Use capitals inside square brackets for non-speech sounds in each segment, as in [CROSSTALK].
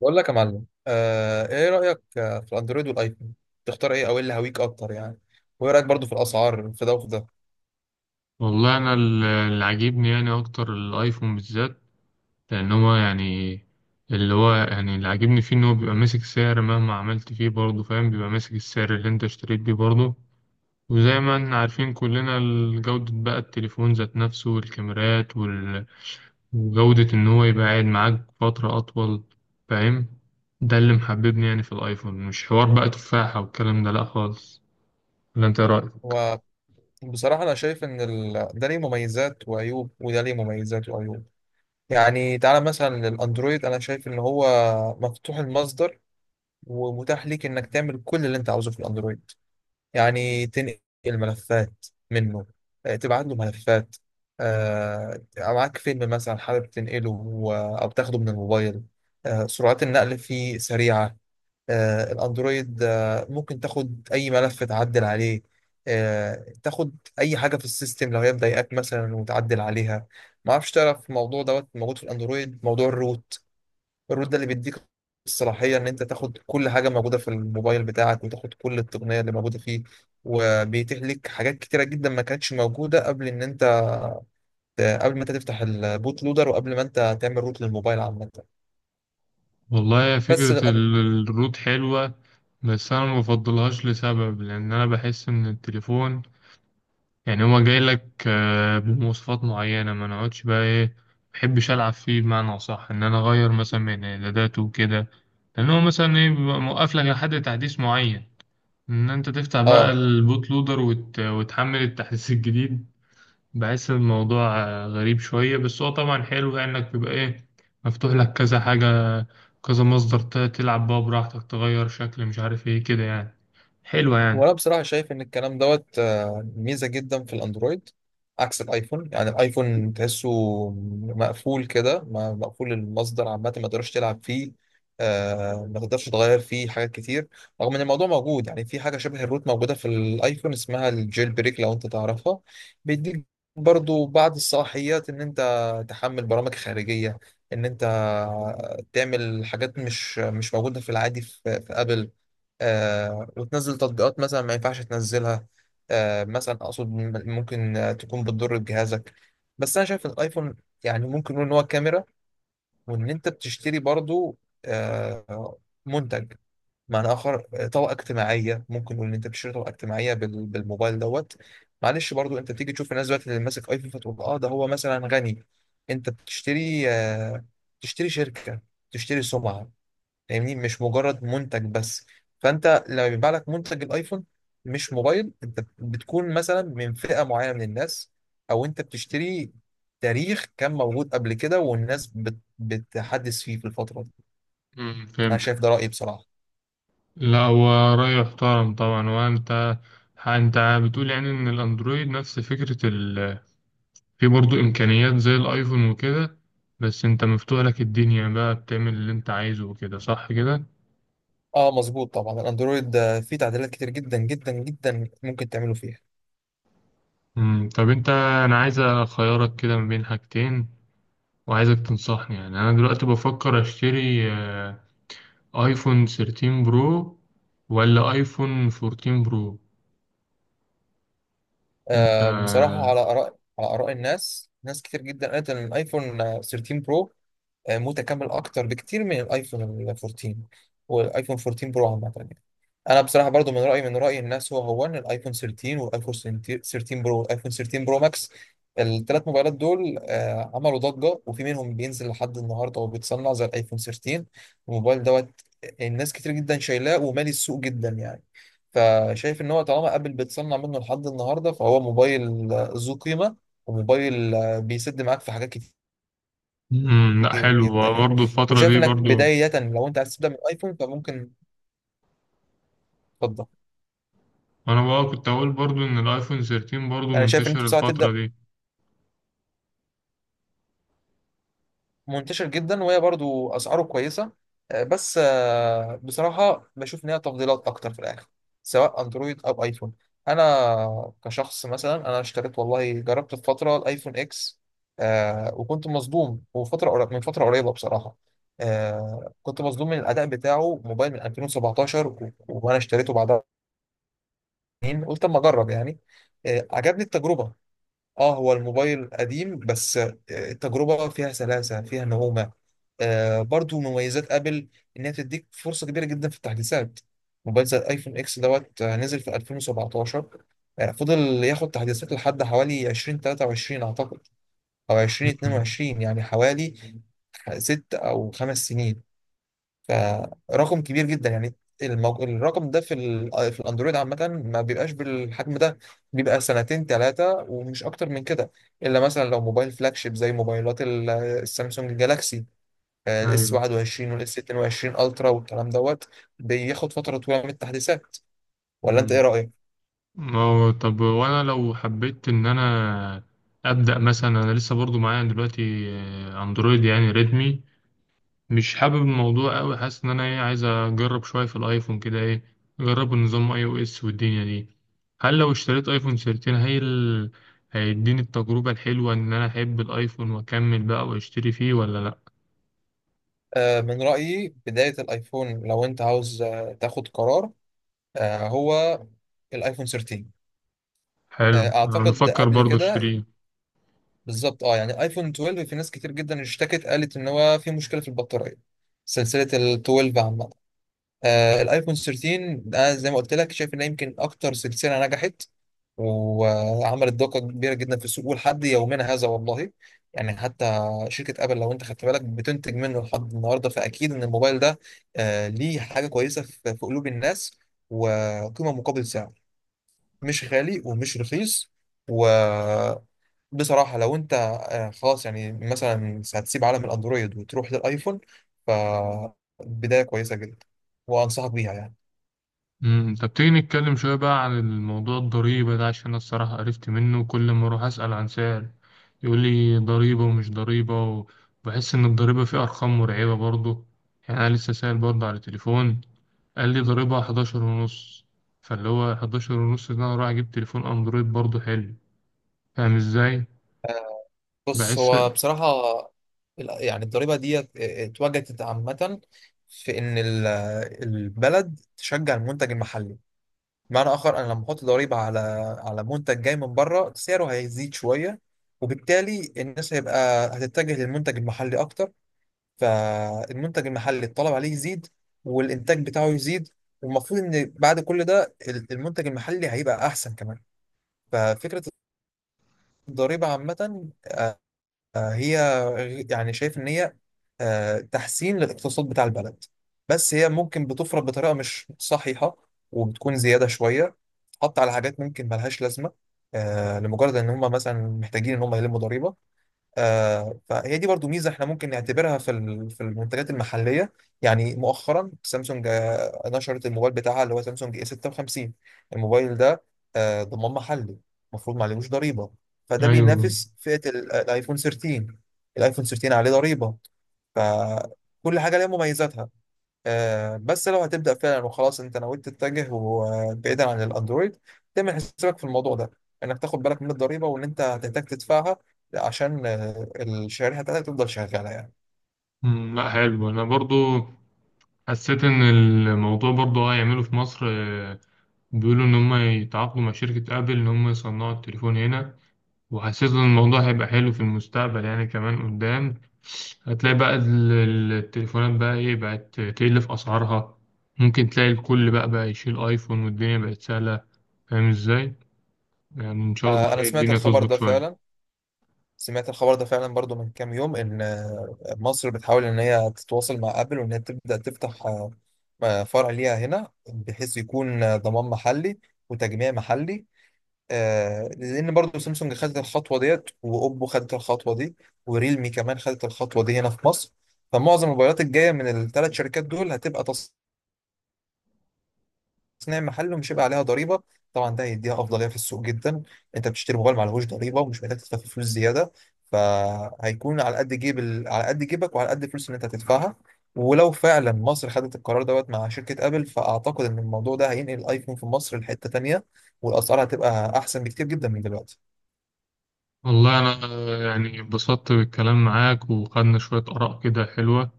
بقول لك يا معلم ايه رأيك في الاندرويد والايفون؟ تختار ايه او ايه اللي هويك اكتر يعني؟ وايه رأيك برضو في الاسعار في ده وفي ده؟ والله انا اللي عاجبني يعني اكتر الايفون بالذات. لان هو يعني اللي عاجبني فيه ان هو بيبقى ماسك سعر مهما عملت فيه، برضه فاهم، بيبقى ماسك السعر اللي انت اشتريت بيه برضه. وزي ما احنا عارفين كلنا جودة بقى التليفون ذات نفسه والكاميرات وجودة ان هو يبقى قاعد معاك فترة اطول، فاهم. ده اللي محببني يعني في الايفون، مش حوار بقى تفاحة والكلام ده لا خالص. ولا انت إيه رأيك؟ وبصراحة انا شايف ان ده ليه مميزات وعيوب وده ليه مميزات وعيوب. يعني تعالى مثلا للاندرويد، انا شايف ان هو مفتوح المصدر ومتاح ليك انك تعمل كل اللي انت عاوزه في الاندرويد. يعني تنقل ملفات منه، تبعت له ملفات، معاك فيلم مثلا حابب تنقله، أو تاخده من الموبايل. سرعات النقل فيه سريعة. آه، الأندرويد آه، ممكن تاخد أي ملف تعدل عليه، تاخد أي حاجة في السيستم لو هي مضايقاك مثلا وتعدل عليها. ما اعرفش تعرف الموضوع دوت موجود في الأندرويد، موضوع الروت. الروت ده اللي بيديك الصلاحية إن أنت تاخد كل حاجة موجودة في الموبايل بتاعك وتاخد كل التقنية اللي موجودة فيه، وبيتيح لك حاجات كتيرة جدا ما كانتش موجودة قبل إن أنت، قبل ما أنت تفتح البوت لودر وقبل ما أنت تعمل روت للموبايل عامة. والله يا بس فكرة للأن... الروت حلوة، بس أنا ما بفضلهاش لسبب، لأن أنا بحس إن التليفون يعني هو جاي لك بمواصفات معينة، ما نقعدش بقى إيه، ما بحبش ألعب فيه بمعنى أصح، إن أنا أغير مثلا من إعداداته وكده. لأن هو مثلا إيه بيبقى موقف لك لحد تحديث معين، إن أنت تفتح بقى آه البوت لودر وتحمل التحديث [LAUGHS] الجديد. بحس الموضوع غريب شوية، بس هو طبعا حلو يعني انك بيبقى ايه مفتوح لك كذا حاجة، كذا مصدر، تلعب بقى براحتك، تغير شكل، مش عارف ايه كده يعني. حلوة يعني. وانا بصراحه شايف ان الكلام دوت ميزه جدا في الاندرويد، عكس الايفون. يعني الايفون تحسه مقفول كده، مقفول المصدر عامه ما تقدرش تلعب فيه. ما تقدرش تغير فيه حاجات كتير، رغم ان الموضوع موجود. يعني في حاجه شبه الروت موجوده في الايفون اسمها الجيل بريك، لو انت تعرفها. بيديك برضو بعض الصلاحيات ان انت تحمل برامج خارجيه، ان انت تعمل حاجات مش موجوده في العادي في ابل. آه وتنزل تطبيقات مثلا ما ينفعش تنزلها. آه مثلا اقصد ممكن تكون بتضر بجهازك. بس انا شايف إن الايفون، يعني ممكن نقول ان هو كاميرا، وان انت بتشتري برضو آه منتج. معنى اخر، طبقه اجتماعيه. ممكن نقول ان انت بتشتري طبقه اجتماعيه بالموبايل دوت. معلش برضو انت بتيجي تشوف الناس دلوقتي اللي ماسك ايفون، فتقول اه ده هو مثلا غني. انت بتشتري تشتري شركه، تشتري سمعه. فاهمني، مش مجرد منتج بس. فانت لما بيبيع لك منتج الايفون، مش موبايل، انت بتكون مثلا من فئة معينة من الناس، او انت بتشتري تاريخ كان موجود قبل كده والناس بتحدث فيه في الفترة دي. امم، انا فهمت. شايف ده رأيي بصراحة. لا هو رأي محترم طبعا. وانت، انت بتقول يعني ان الاندرويد نفس فكرة ال، في برضو امكانيات زي الايفون وكده، بس انت مفتوح لك الدنيا بقى، بتعمل اللي انت عايزه وكده، صح كده؟ اه مظبوط طبعا، الاندرويد فيه تعديلات كتير جدا جدا جدا ممكن تعملوا فيها. امم، طب انت، انا عايز اخيرك كده ما بين حاجتين، وعايزك تنصحني. يعني انا دلوقتي بفكر اشتري ايفون 13 برو ولا ايفون 14 برو؟ انت. آه بصراحة، على آراء الناس، ناس كتير جدا قالت ان الايفون 13 برو متكامل اكتر بكتير من الايفون 14، والايفون 14 برو عامه يعني. انا بصراحه برضو من راي الناس، هو ان الايفون 13 والايفون 13 برو والايفون 13 برو ماكس، الثلاث موبايلات دول عملوا ضجه، وفي منهم بينزل لحد النهارده وبيتصنع زي الايفون 13. الموبايل دوت الناس كتير جدا شايلاه ومالي السوق جدا يعني. فشايف ان هو طالما ابل بتصنع منه لحد النهارده، فهو موبايل ذو قيمه، وموبايل بيسد معاك في حاجات كتير، مم، لا كتير حلو. جدا يعني. برضه الفترة وشايف دي انك برضه، بداية، لو انت عايز تبدا من ايفون فممكن تفضل. انا بقى كنت اقول برضه ان الايفون 13 برضه يعني شايف ان انت منتشر بسرعة تبدا، الفترة دي. منتشر جدا وهي برضو اسعاره كويسة. آه، بس آه، بصراحة بشوف ان هي تفضيلات اكتر في الاخر، سواء اندرويد او ايفون. انا كشخص مثلا، انا اشتريت والله، جربت في فترة الايفون اكس، وكنت مصدوم. وفترة من فترة قريبة بصراحة، كنت مصدوم من الاداء بتاعه. موبايل من 2017 وانا اشتريته بعدها سنين. قلت اما اجرب يعني. عجبني التجربه. اه هو الموبايل قديم، بس التجربه فيها سلاسه فيها نعومه. آه برضو مميزات ابل، انها بتديك فرصه كبيره جدا في التحديثات. موبايل زي الايفون اكس دوت نزل في 2017، فضل ياخد تحديثات لحد حوالي 2023 اعتقد، او مم. 2022 يعني. حوالي ست او خمس سنين، فرقم كبير جدا يعني. الرقم ده في الاندرويد عامة ما بيبقاش بالحجم ده. بيبقى سنتين ثلاثة ومش أكتر من كده، إلا مثلا لو موبايل فلاجشيب زي موبايلات السامسونج جالاكسي، الاس ايوه. 21 والاس 22 الترا والكلام دوت، بياخد فترة طويلة من التحديثات. ولا أنت إيه مم. رأيك؟ أو طب، وانا لو حبيت ان انا ابدا مثلا، انا لسه برضه معايا دلوقتي اندرويد يعني ريدمي، مش حابب الموضوع قوي، حاسس ان انا ايه عايز اجرب شويه في الايفون كده، ايه اجرب النظام اي او اس والدنيا دي. هل لو اشتريت ايفون 13، هيديني التجربه الحلوه ان انا احب الايفون واكمل بقى واشتري فيه، ولا لا؟ من رأيي بداية الآيفون، لو أنت عاوز تاخد قرار، هو الآيفون 13. حلو انا أعتقد بفكر قبل برضه كده اشتريه. بالظبط. اه يعني ايفون 12، في ناس كتير جدا اشتكت قالت ان هو في مشكله في البطاريه، سلسله ال 12 عامه. آه الايفون 13 ده، زي ما قلت لك، شايف انها يمكن اكتر سلسله نجحت وعملت ضجه كبيره جدا في السوق، ولحد يومنا هذا والله يعني. حتى شركه ابل لو انت خدت بالك بتنتج منه لحد النهارده، فاكيد ان الموبايل ده آه ليه حاجه كويسه في قلوب الناس. وقيمه مقابل سعر، مش غالي ومش رخيص. و بصراحة، لو أنت خلاص يعني مثلا هتسيب عالم الأندرويد وتروح للأيفون، فبداية كويسة جدا وأنصحك بيها يعني. امم، طب تيجي نتكلم شويه بقى عن الموضوع الضريبه ده، عشان انا الصراحه عرفت منه. كل ما اروح اسال عن سعر يقول لي ضريبه ومش ضريبه، وبحس ان الضريبه فيه ارقام مرعبه برضه. يعني انا لسه سائل برضه على التليفون، قال لي ضريبها 11 ونص. فاللي هو 11 ونص ده انا رايح اجيب تليفون اندرويد برضه حلو، فاهم ازاي؟ آه، بص، بحس. هو بصراحة يعني الضريبة دي اتوجدت عامة، في إن البلد تشجع المنتج المحلي. بمعنى آخر، أنا لما أحط ضريبة على منتج جاي من بره، سعره هيزيد شوية. وبالتالي الناس هيبقى هتتجه للمنتج المحلي أكتر، فالمنتج المحلي الطلب عليه يزيد والإنتاج بتاعه يزيد. والمفروض إن بعد كل ده المنتج المحلي هيبقى أحسن كمان. ففكرة الضريبة عامة، هي يعني شايف إن هي تحسين للاقتصاد بتاع البلد. بس هي ممكن بتفرض بطريقة مش صحيحة، وبتكون زيادة شوية، حط على حاجات ممكن ملهاش لازمة، لمجرد إن هم مثلا محتاجين إن هم يلموا ضريبة. فهي دي برضو ميزة احنا ممكن نعتبرها في المنتجات المحلية. يعني مؤخرا سامسونج نشرت الموبايل بتاعها اللي هو سامسونج اي 56. الموبايل ده ضمان محلي، المفروض ما عليهوش ضريبة، فده ايوه. بينافس فئة الايفون 13. الايفون 13 عليه ضريبة، فكل حاجة ليها مميزاتها. بس لو هتبدأ فعلا، وخلاص انت نويت تتجه بعيدا عن الاندرويد، تعمل حسابك في الموضوع ده، انك تاخد بالك من الضريبة وان انت هتحتاج تدفعها، عشان الشريحة بتاعتك تفضل شغالة يعني. أمم، لا حلو. انا برضه حسيت ان الموضوع برضه هيعمله في مصر، بيقولوا ان هم يتعاقدوا مع شركة ابل ان هم يصنعوا التليفون هنا. وحسيت ان الموضوع هيبقى حلو في المستقبل يعني، كمان قدام هتلاقي بقى التليفونات بقى ايه بقت تقل في اسعارها. ممكن تلاقي الكل بقى يشيل ايفون والدنيا بقت سهلة، فاهم ازاي؟ يعني إن شاء الله انا إيه سمعت الدنيا الخبر تظبط ده شوية. فعلا، سمعت الخبر ده فعلا برضو من كام يوم، ان مصر بتحاول ان هي تتواصل مع ابل، وان هي تبدأ تفتح فرع ليها هنا، بحيث يكون ضمان محلي وتجميع محلي. آه لان برضو سامسونج خدت الخطوه ديت، واوبو خدت الخطوه دي، وريلمي كمان خدت الخطوه دي هنا في مصر. فمعظم الموبايلات الجايه من الثلاث شركات دول هتبقى تصنيع محلي، ومش هيبقى عليها ضريبه. طبعا ده هيديها افضليه في السوق جدا. انت بتشتري موبايل معلهوش ضريبه ومش محتاج تدفع فيه فلوس زياده، فهيكون على قد جيبك وعلى قد الفلوس اللي انت هتدفعها. ولو فعلا مصر خدت القرار دوت مع شركه ابل، فاعتقد ان الموضوع ده هينقل الايفون في مصر لحته تانيه، والاسعار هتبقى احسن بكتير جدا من دلوقتي. والله أنا يعني اتبسطت بالكلام معاك وخدنا شوية آراء كده حلوة.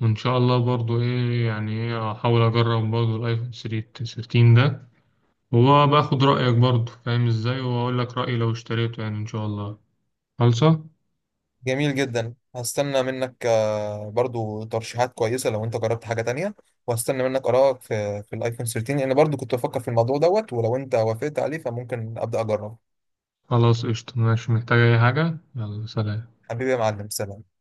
وإن شاء الله برضو إيه يعني إيه أحاول أجرب برضو الآيفون 13 ده، وباخد رأيك برضو فاهم إزاي، وأقول لك رأيي لو اشتريته يعني، إن شاء الله. خلصة. جميل جدا، هستنى منك برضو ترشيحات كويسة لو انت جربت حاجة تانية، وهستنى منك آرائك في الايفون 13، لان برضو كنت بفكر في الموضوع دوت، ولو انت وافقت عليه فممكن أبدأ أجربه. خلاص قشطة ماشي، محتاج أي حاجة؟ يلا سلام. حبيبي يا معلم، سلام.